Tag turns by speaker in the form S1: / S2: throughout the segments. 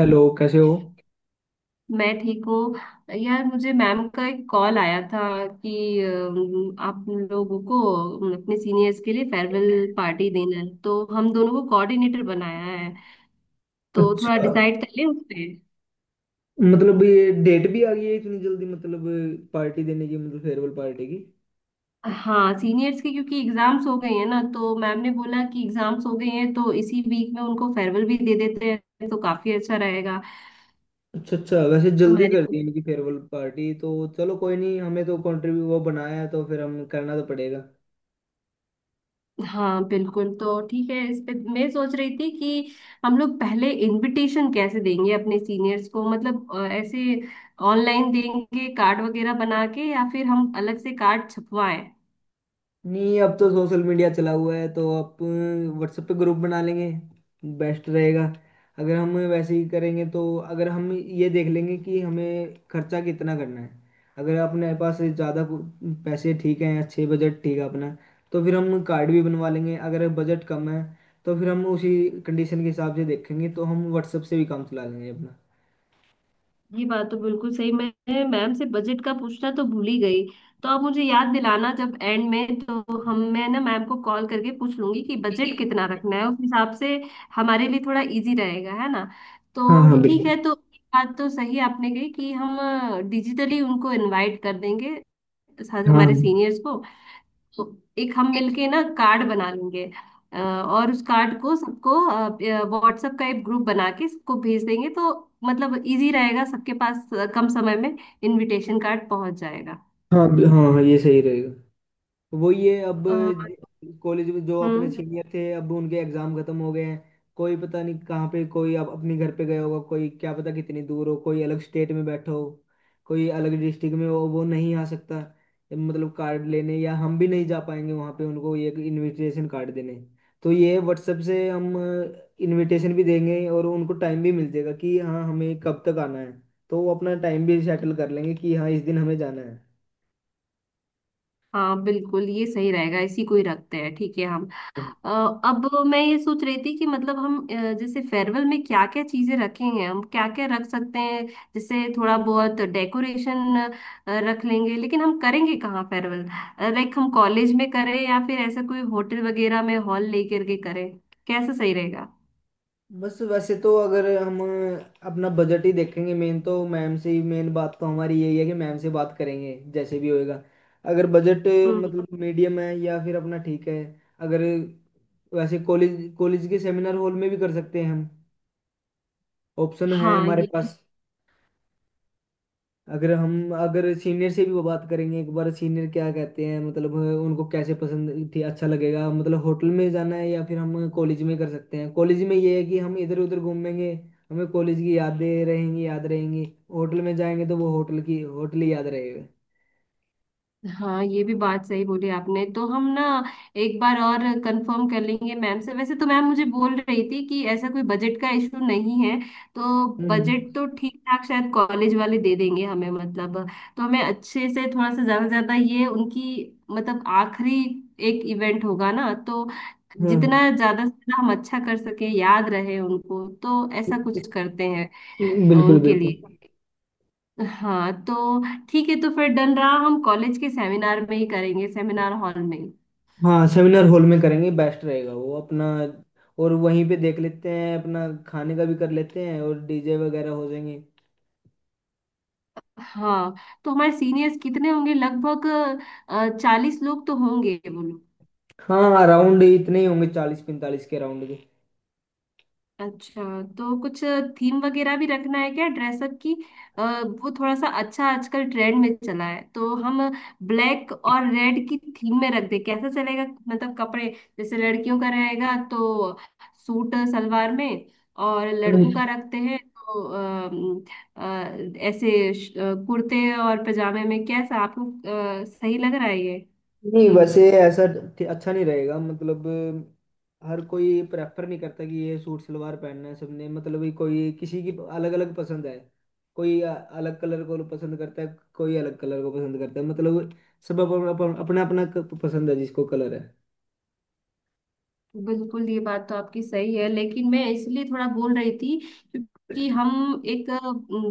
S1: Hello, कैसे हो?
S2: मैं ठीक हूँ यार। मुझे मैम का एक कॉल आया था कि आप लोगों को अपने सीनियर्स के लिए फेयरवेल पार्टी देना है, तो हम दोनों को कोऑर्डिनेटर बनाया है। तो थोड़ा
S1: अच्छा।
S2: डिसाइड कर लें उस पे।
S1: मतलब ये डेट भी आ गई है इतनी जल्दी, मतलब पार्टी देने की, मतलब फेयरवेल पार्टी की।
S2: हाँ, सीनियर्स के, क्योंकि एग्जाम्स हो गए हैं ना, तो मैम ने बोला कि एग्जाम्स हो गए हैं तो इसी वीक में उनको फेयरवेल भी दे देते हैं, तो काफी अच्छा रहेगा।
S1: अच्छा अच्छा, वैसे
S2: तो
S1: जल्दी
S2: मैंने।
S1: कर दी इनकी फेयरवेल पार्टी तो। चलो कोई नहीं, हमें तो कंट्रीब्यू वो बनाया है तो फिर हम करना तो पड़ेगा।
S2: हाँ बिल्कुल। तो ठीक है, इस पे मैं सोच रही थी कि हम लोग पहले इनविटेशन कैसे देंगे अपने सीनियर्स को, मतलब ऐसे ऑनलाइन देंगे कार्ड वगैरह बना के, या फिर हम अलग से कार्ड छपवाएं?
S1: नहीं, अब तो सोशल मीडिया चला हुआ है तो आप व्हाट्सएप पे ग्रुप बना लेंगे, बेस्ट रहेगा। अगर हम वैसे ही करेंगे तो अगर हम ये देख लेंगे कि हमें खर्चा कितना करना है। अगर अपने पास ज़्यादा पैसे ठीक हैं, अच्छे बजट ठीक है अपना, तो फिर हम कार्ड भी बनवा लेंगे। अगर बजट कम है तो फिर हम उसी कंडीशन के हिसाब से देखेंगे, तो हम व्हाट्सएप से भी काम चला लेंगे अपना।
S2: ये बात तो बिल्कुल सही। मैं मैम से बजट का पूछना तो भूल ही गई। तो आप मुझे याद दिलाना जब एंड में, तो हम मैं ना मैम को कॉल करके पूछ लूंगी कि बजट कितना रखना है, उस हिसाब से हमारे लिए थोड़ा इजी रहेगा। है ना?
S1: हाँ
S2: तो
S1: हाँ,
S2: ठीक
S1: बिल्कुल।
S2: है। तो ये बात तो सही आपने कही, कि हम डिजिटली उनको इनवाइट कर देंगे साथ
S1: हाँ
S2: हमारे
S1: हाँ।
S2: सीनियर्स को। तो एक हम मिलके ना कार्ड बना लेंगे, और उस कार्ड को सबको व्हाट्सएप का एक ग्रुप बना के सबको भेज देंगे, तो मतलब इजी रहेगा, सबके पास कम समय में इनविटेशन कार्ड पहुंच जाएगा।
S1: हाँ हाँ हाँ, ये सही रहेगा। वो ये अब,
S2: अ,
S1: कॉलेज में जो अपने
S2: हम्म।
S1: सीनियर थे, अब उनके एग्जाम खत्म हो गए हैं। कोई पता नहीं कहाँ पे कोई, अब अपने घर पे गया होगा, कोई क्या पता कितनी दूर हो, कोई अलग स्टेट में बैठा हो, कोई अलग डिस्ट्रिक्ट में हो, वो नहीं आ सकता मतलब कार्ड लेने, या हम भी नहीं जा पाएंगे वहाँ पे उनको ये इनविटेशन कार्ड देने। तो ये व्हाट्सएप से हम इनविटेशन भी देंगे और उनको टाइम भी मिल जाएगा कि हाँ हमें कब तक आना है। तो वो अपना टाइम भी सेटल कर लेंगे कि हाँ इस दिन हमें जाना
S2: हाँ बिल्कुल, ये सही रहेगा। इसी को ही रखते हैं। ठीक है हम।
S1: है।
S2: अ, अब मैं ये सोच रही थी कि मतलब हम जैसे फेयरवेल में क्या क्या चीजें रखेंगे, हम क्या क्या रख सकते हैं। जैसे थोड़ा बहुत डेकोरेशन रख लेंगे, लेकिन हम करेंगे कहाँ फेयरवेल? लाइक हम कॉलेज में करें, या फिर ऐसा कोई होटल वगैरह में हॉल लेकर के करें? कैसा सही रहेगा?
S1: बस वैसे तो अगर हम अपना बजट ही देखेंगे मेन, तो मैम से ही मेन बात तो हमारी यही है कि मैम से बात करेंगे, जैसे भी होएगा। अगर बजट
S2: हम्म।
S1: मतलब मीडियम है या फिर अपना ठीक है। अगर वैसे कॉलेज, कॉलेज के सेमिनार हॉल में भी कर सकते हैं हम, ऑप्शन है
S2: हाँ
S1: हमारे
S2: ये
S1: पास। अगर हम, अगर सीनियर से भी वो बात करेंगे एक बार, सीनियर क्या कहते हैं, मतलब उनको कैसे पसंद थी, अच्छा लगेगा मतलब होटल में जाना है या फिर हम कॉलेज में कर सकते हैं। कॉलेज में ये है कि हम इधर उधर घूमेंगे, हमें कॉलेज की यादें रहेंगी, याद रहेंगी। होटल में जाएंगे तो वो होटल की, होटल ही याद रहेगा।
S2: हाँ ये भी बात सही बोली आपने। तो हम ना एक बार और कंफर्म कर लेंगे मैम से। वैसे तो मैम मुझे बोल रही थी कि ऐसा कोई बजट का इशू नहीं है, तो
S1: हम्म।
S2: बजट तो ठीक ठाक शायद कॉलेज वाले दे देंगे हमें, मतलब। तो हमें अच्छे से थोड़ा सा ज्यादा ज्यादा ये उनकी, मतलब आखिरी एक इवेंट होगा ना, तो
S1: हम्म।
S2: जितना ज्यादा से ज्यादा हम अच्छा कर सके, याद रहे उनको, तो ऐसा कुछ करते हैं
S1: बिल्कुल
S2: उनके
S1: बिल्कुल।
S2: लिए। हाँ तो ठीक है। तो फिर डन रहा, हम कॉलेज के सेमिनार में ही करेंगे, सेमिनार हॉल में।
S1: हाँ सेमिनार हॉल में करेंगे, बेस्ट रहेगा वो अपना। और वहीं पे देख लेते हैं अपना, खाने का भी कर लेते हैं, और डीजे वगैरह हो जाएंगे।
S2: हाँ, तो हमारे सीनियर्स कितने होंगे लगभग? 40 लोग तो होंगे, बोलो।
S1: हाँ, राउंड इतने ही होंगे, 40 45 के राउंड के।
S2: अच्छा। तो कुछ थीम वगैरह भी रखना है क्या, ड्रेसअप की? वो थोड़ा सा अच्छा आजकल ट्रेंड में चला है, तो हम ब्लैक और रेड की थीम में रख दे, कैसा चलेगा? मतलब कपड़े, जैसे लड़कियों का रहेगा तो सूट सलवार में, और लड़कों
S1: हम्म।
S2: का रखते हैं तो ऐसे कुर्ते और पजामे में, कैसा आपको सही लग रहा है ये
S1: नहीं
S2: थीम?
S1: वैसे ऐसा अच्छा नहीं रहेगा मतलब। हर कोई प्रेफर नहीं करता कि ये सूट सलवार पहनना है सबने, मतलब ये कोई किसी की, अलग अलग पसंद है। कोई अलग कलर को पसंद करता है, कोई अलग कलर को पसंद करता है, मतलब सब अपना अपना अपना अपना पसंद है जिसको कलर है।
S2: बिल्कुल, ये बात तो आपकी सही है, लेकिन मैं इसलिए थोड़ा बोल रही थी, क्योंकि हम एक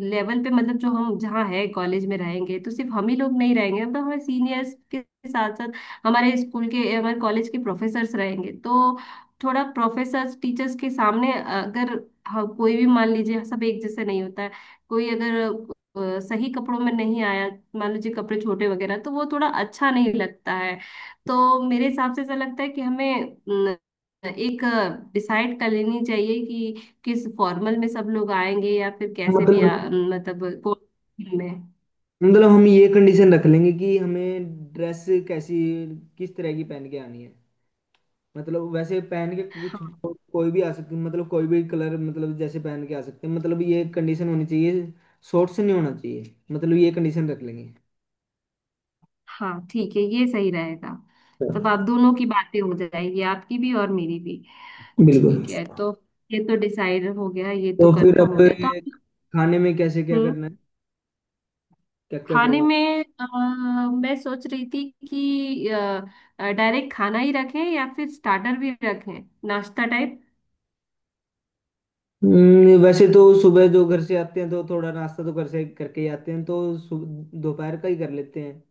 S2: लेवल पे, मतलब जो हम जहाँ है कॉलेज में रहेंगे तो सिर्फ हम ही लोग नहीं रहेंगे, मतलब हमारे सीनियर्स के साथ साथ हमारे स्कूल के, हमारे कॉलेज के प्रोफेसर्स रहेंगे। तो थोड़ा प्रोफेसर्स टीचर्स के सामने अगर, हाँ, कोई भी, मान लीजिए सब एक जैसे नहीं होता है। कोई अगर सही कपड़ों में नहीं आया, मान लीजिए कपड़े छोटे वगैरह, तो वो थोड़ा अच्छा नहीं लगता है। तो मेरे हिसाब से ऐसा लगता है कि हमें एक डिसाइड कर लेनी चाहिए कि किस फॉर्मल में सब लोग आएंगे, या फिर कैसे भी
S1: मतलब,
S2: मतलब कौन में।
S1: मतलब हम ये कंडीशन रख लेंगे कि हमें ड्रेस कैसी, किस तरह की पहन के आनी है। मतलब वैसे पहन के कुछ,
S2: हाँ
S1: कोई भी आ सकती, मतलब कोई भी कलर मतलब जैसे पहन के आ सकते हैं, मतलब ये कंडीशन होनी चाहिए। शॉर्ट्स नहीं होना चाहिए, मतलब ये कंडीशन रख लेंगे।
S2: हाँ ठीक है, ये सही रहेगा। तब आप दोनों की बातें हो जाएगी, आपकी भी और मेरी भी।
S1: बिल्कुल।
S2: ठीक है। तो ये तो डिसाइड हो गया, ये तो
S1: तो फिर
S2: कंफर्म
S1: अब
S2: हो गया। तो आप।
S1: खाने में कैसे क्या
S2: हम्म।
S1: करना है, क्या क्या
S2: खाने
S1: करवा।
S2: में मैं सोच रही थी कि डायरेक्ट खाना ही रखें, या फिर स्टार्टर भी रखें, नाश्ता टाइप।
S1: वैसे तो सुबह जो घर से आते हैं तो थोड़ा नाश्ता तो घर से करके ही आते हैं, तो दोपहर का ही कर लेते हैं।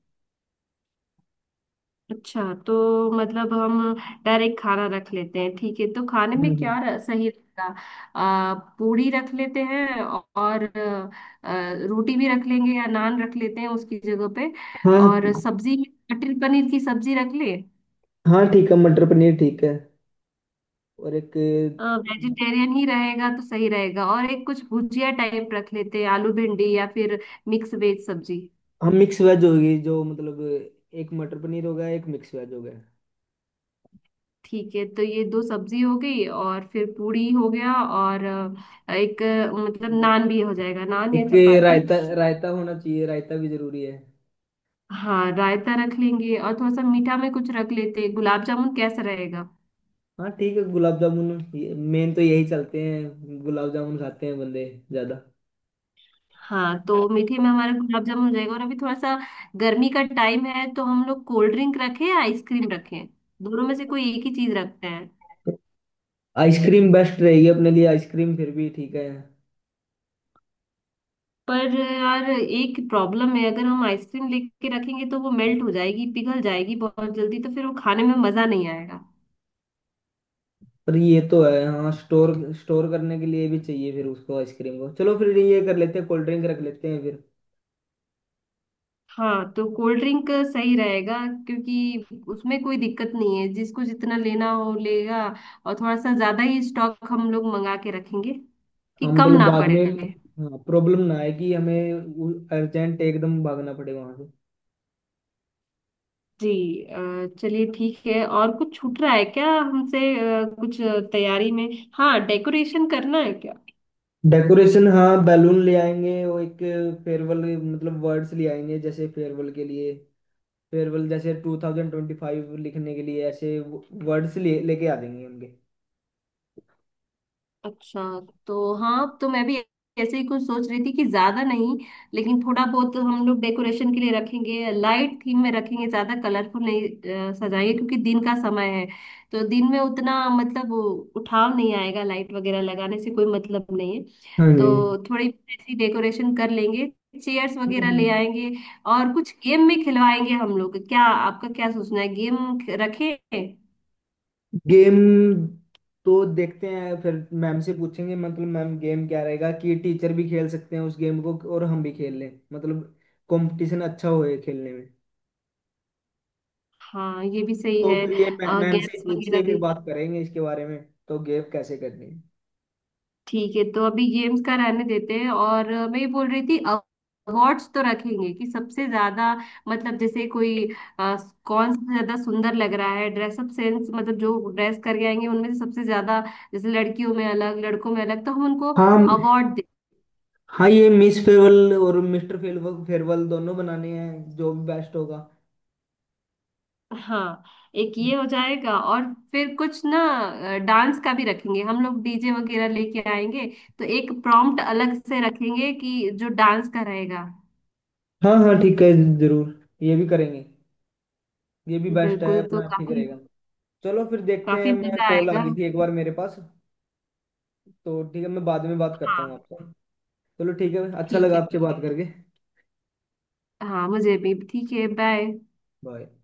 S2: अच्छा। तो मतलब हम डायरेक्ट खाना रख लेते हैं। ठीक है, तो खाने में
S1: हम्म।
S2: क्या सही रहेगा? आ, पूरी रख लेते हैं, और रोटी भी रख लेंगे, या नान रख लेते हैं उसकी जगह पे। और
S1: हाँ
S2: सब्जी में मटर पनीर की सब्जी रख ले।
S1: हाँ ठीक है, मटर पनीर ठीक है। और एक,
S2: वेजिटेरियन ही रहेगा तो सही रहेगा। और एक कुछ भुजिया टाइप रख लेते हैं, आलू भिंडी, या फिर मिक्स वेज सब्जी।
S1: हाँ मिक्स वेज होगी जो मतलब, एक मटर पनीर होगा, एक मिक्स वेज होगा।
S2: ठीक है, तो ये दो सब्जी हो गई। और फिर पूड़ी हो गया, और एक मतलब नान भी हो जाएगा, नान या
S1: एक
S2: चपाती।
S1: रायता, रायता होना चाहिए, रायता भी जरूरी है।
S2: हाँ रायता रख लेंगे। और थोड़ा सा मीठा में कुछ रख लेते हैं, गुलाब जामुन कैसा रहेगा?
S1: हाँ ठीक है, गुलाब जामुन, ये मेन तो यही चलते हैं, गुलाब जामुन खाते हैं बंदे ज्यादा।
S2: हाँ, तो मीठे में हमारा गुलाब जामुन हो जाएगा। और अभी थोड़ा सा गर्मी का टाइम है, तो हम लोग कोल्ड ड्रिंक रखें या आइसक्रीम रखें? दोनों में से कोई एक ही चीज रखते हैं।
S1: आइसक्रीम बेस्ट रहेगी अपने लिए, आइसक्रीम फिर भी ठीक है।
S2: पर यार एक प्रॉब्लम है, अगर हम आइसक्रीम लेके रखेंगे तो वो मेल्ट हो जाएगी, पिघल जाएगी बहुत जल्दी, तो फिर वो खाने में मजा नहीं आएगा।
S1: पर ये तो है हाँ, स्टोर स्टोर करने के लिए भी चाहिए फिर उसको आइसक्रीम को, चलो फिर ये कर लेते हैं, कोल्ड ड्रिंक रख लेते हैं फिर।
S2: हाँ, तो कोल्ड ड्रिंक सही रहेगा, क्योंकि उसमें कोई दिक्कत नहीं है, जिसको जितना लेना हो लेगा। और थोड़ा सा ज्यादा ही स्टॉक हम लोग मंगा के रखेंगे,
S1: हाँ
S2: कि कम
S1: मतलब
S2: ना
S1: बाद
S2: पड़े।
S1: में प्रॉब्लम ना आए कि हमें अर्जेंट एकदम भागना पड़े वहां से।
S2: जी। चलिए ठीक है। और कुछ छूट रहा है क्या हमसे, कुछ तैयारी में? हाँ, डेकोरेशन करना है क्या?
S1: डेकोरेशन, हाँ बैलून ले आएंगे, और एक फेयरवेल मतलब वर्ड्स ले आएंगे, जैसे फेयरवेल के लिए, फेयरवेल जैसे 2025 लिखने के लिए, ऐसे वर्ड्स ले लेके आ जाएंगे उनके।
S2: अच्छा। तो हाँ, तो मैं भी ऐसे ही कुछ सोच रही थी, कि ज्यादा नहीं, लेकिन थोड़ा बहुत हम लोग डेकोरेशन के लिए रखेंगे, लाइट थीम में रखेंगे, ज्यादा कलरफुल नहीं सजाएंगे, क्योंकि दिन का समय है, तो दिन में उतना, मतलब वो उठाव नहीं आएगा, लाइट वगैरह लगाने से कोई मतलब नहीं है।
S1: हाँ जी।
S2: तो थोड़ी ऐसी डेकोरेशन कर लेंगे, चेयर्स वगैरह ले आएंगे। और कुछ गेम में खिलवाएंगे हम लोग क्या, आपका क्या सोचना है, गेम रखें?
S1: गेम, तो देखते हैं फिर, मैम से पूछेंगे, मतलब मैम गेम क्या रहेगा कि टीचर भी खेल सकते हैं उस गेम को और हम भी खेल लें, मतलब कंपटीशन अच्छा होए खेलने में।
S2: हाँ ये भी सही
S1: तो
S2: है,
S1: फिर ये मैम से ही
S2: गेम्स
S1: पूछ के
S2: वगैरह
S1: फिर
S2: भी।
S1: बात करेंगे इसके बारे में। तो गेव कैसे करनी है।
S2: ठीक है, तो अभी गेम्स का रहने देते हैं। और मैं ये बोल रही थी, अवार्ड्स तो रखेंगे कि सबसे ज्यादा, मतलब जैसे कोई अ, कौन सबसे ज्यादा सुंदर लग रहा है, ड्रेसअप सेंस, मतलब जो ड्रेस करके आएंगे उनमें से सबसे ज्यादा, जैसे लड़कियों में अलग लड़कों में अलग, तो हम उनको
S1: हाँ
S2: अवार्ड दे।
S1: हाँ, ये मिस फेयरवेल और मिस्टर फेयरवेल फेयरवेल दोनों बनाने हैं जो भी बेस्ट होगा।
S2: हाँ, एक ये हो जाएगा। और फिर कुछ ना, डांस का भी रखेंगे हम लोग, डीजे वगैरह लेके आएंगे, तो एक प्रॉम्प्ट अलग से रखेंगे कि जो डांस का रहेगा।
S1: हाँ हाँ ठीक है, जरूर। ये भी करेंगे, ये भी बेस्ट है
S2: बिल्कुल, तो
S1: अपना, ठीक
S2: काफी,
S1: रहेगा। चलो फिर देखते
S2: काफी
S1: हैं, मैं,
S2: मजा
S1: कॉल आ
S2: आएगा।
S1: गई थी एक बार मेरे पास, तो ठीक है, मैं बाद में बात करता हूँ
S2: हाँ
S1: आपसे। चलो ठीक है, अच्छा
S2: ठीक
S1: लगा
S2: है।
S1: आपसे बात करके।
S2: हाँ मुझे भी ठीक है। बाय।
S1: बाय।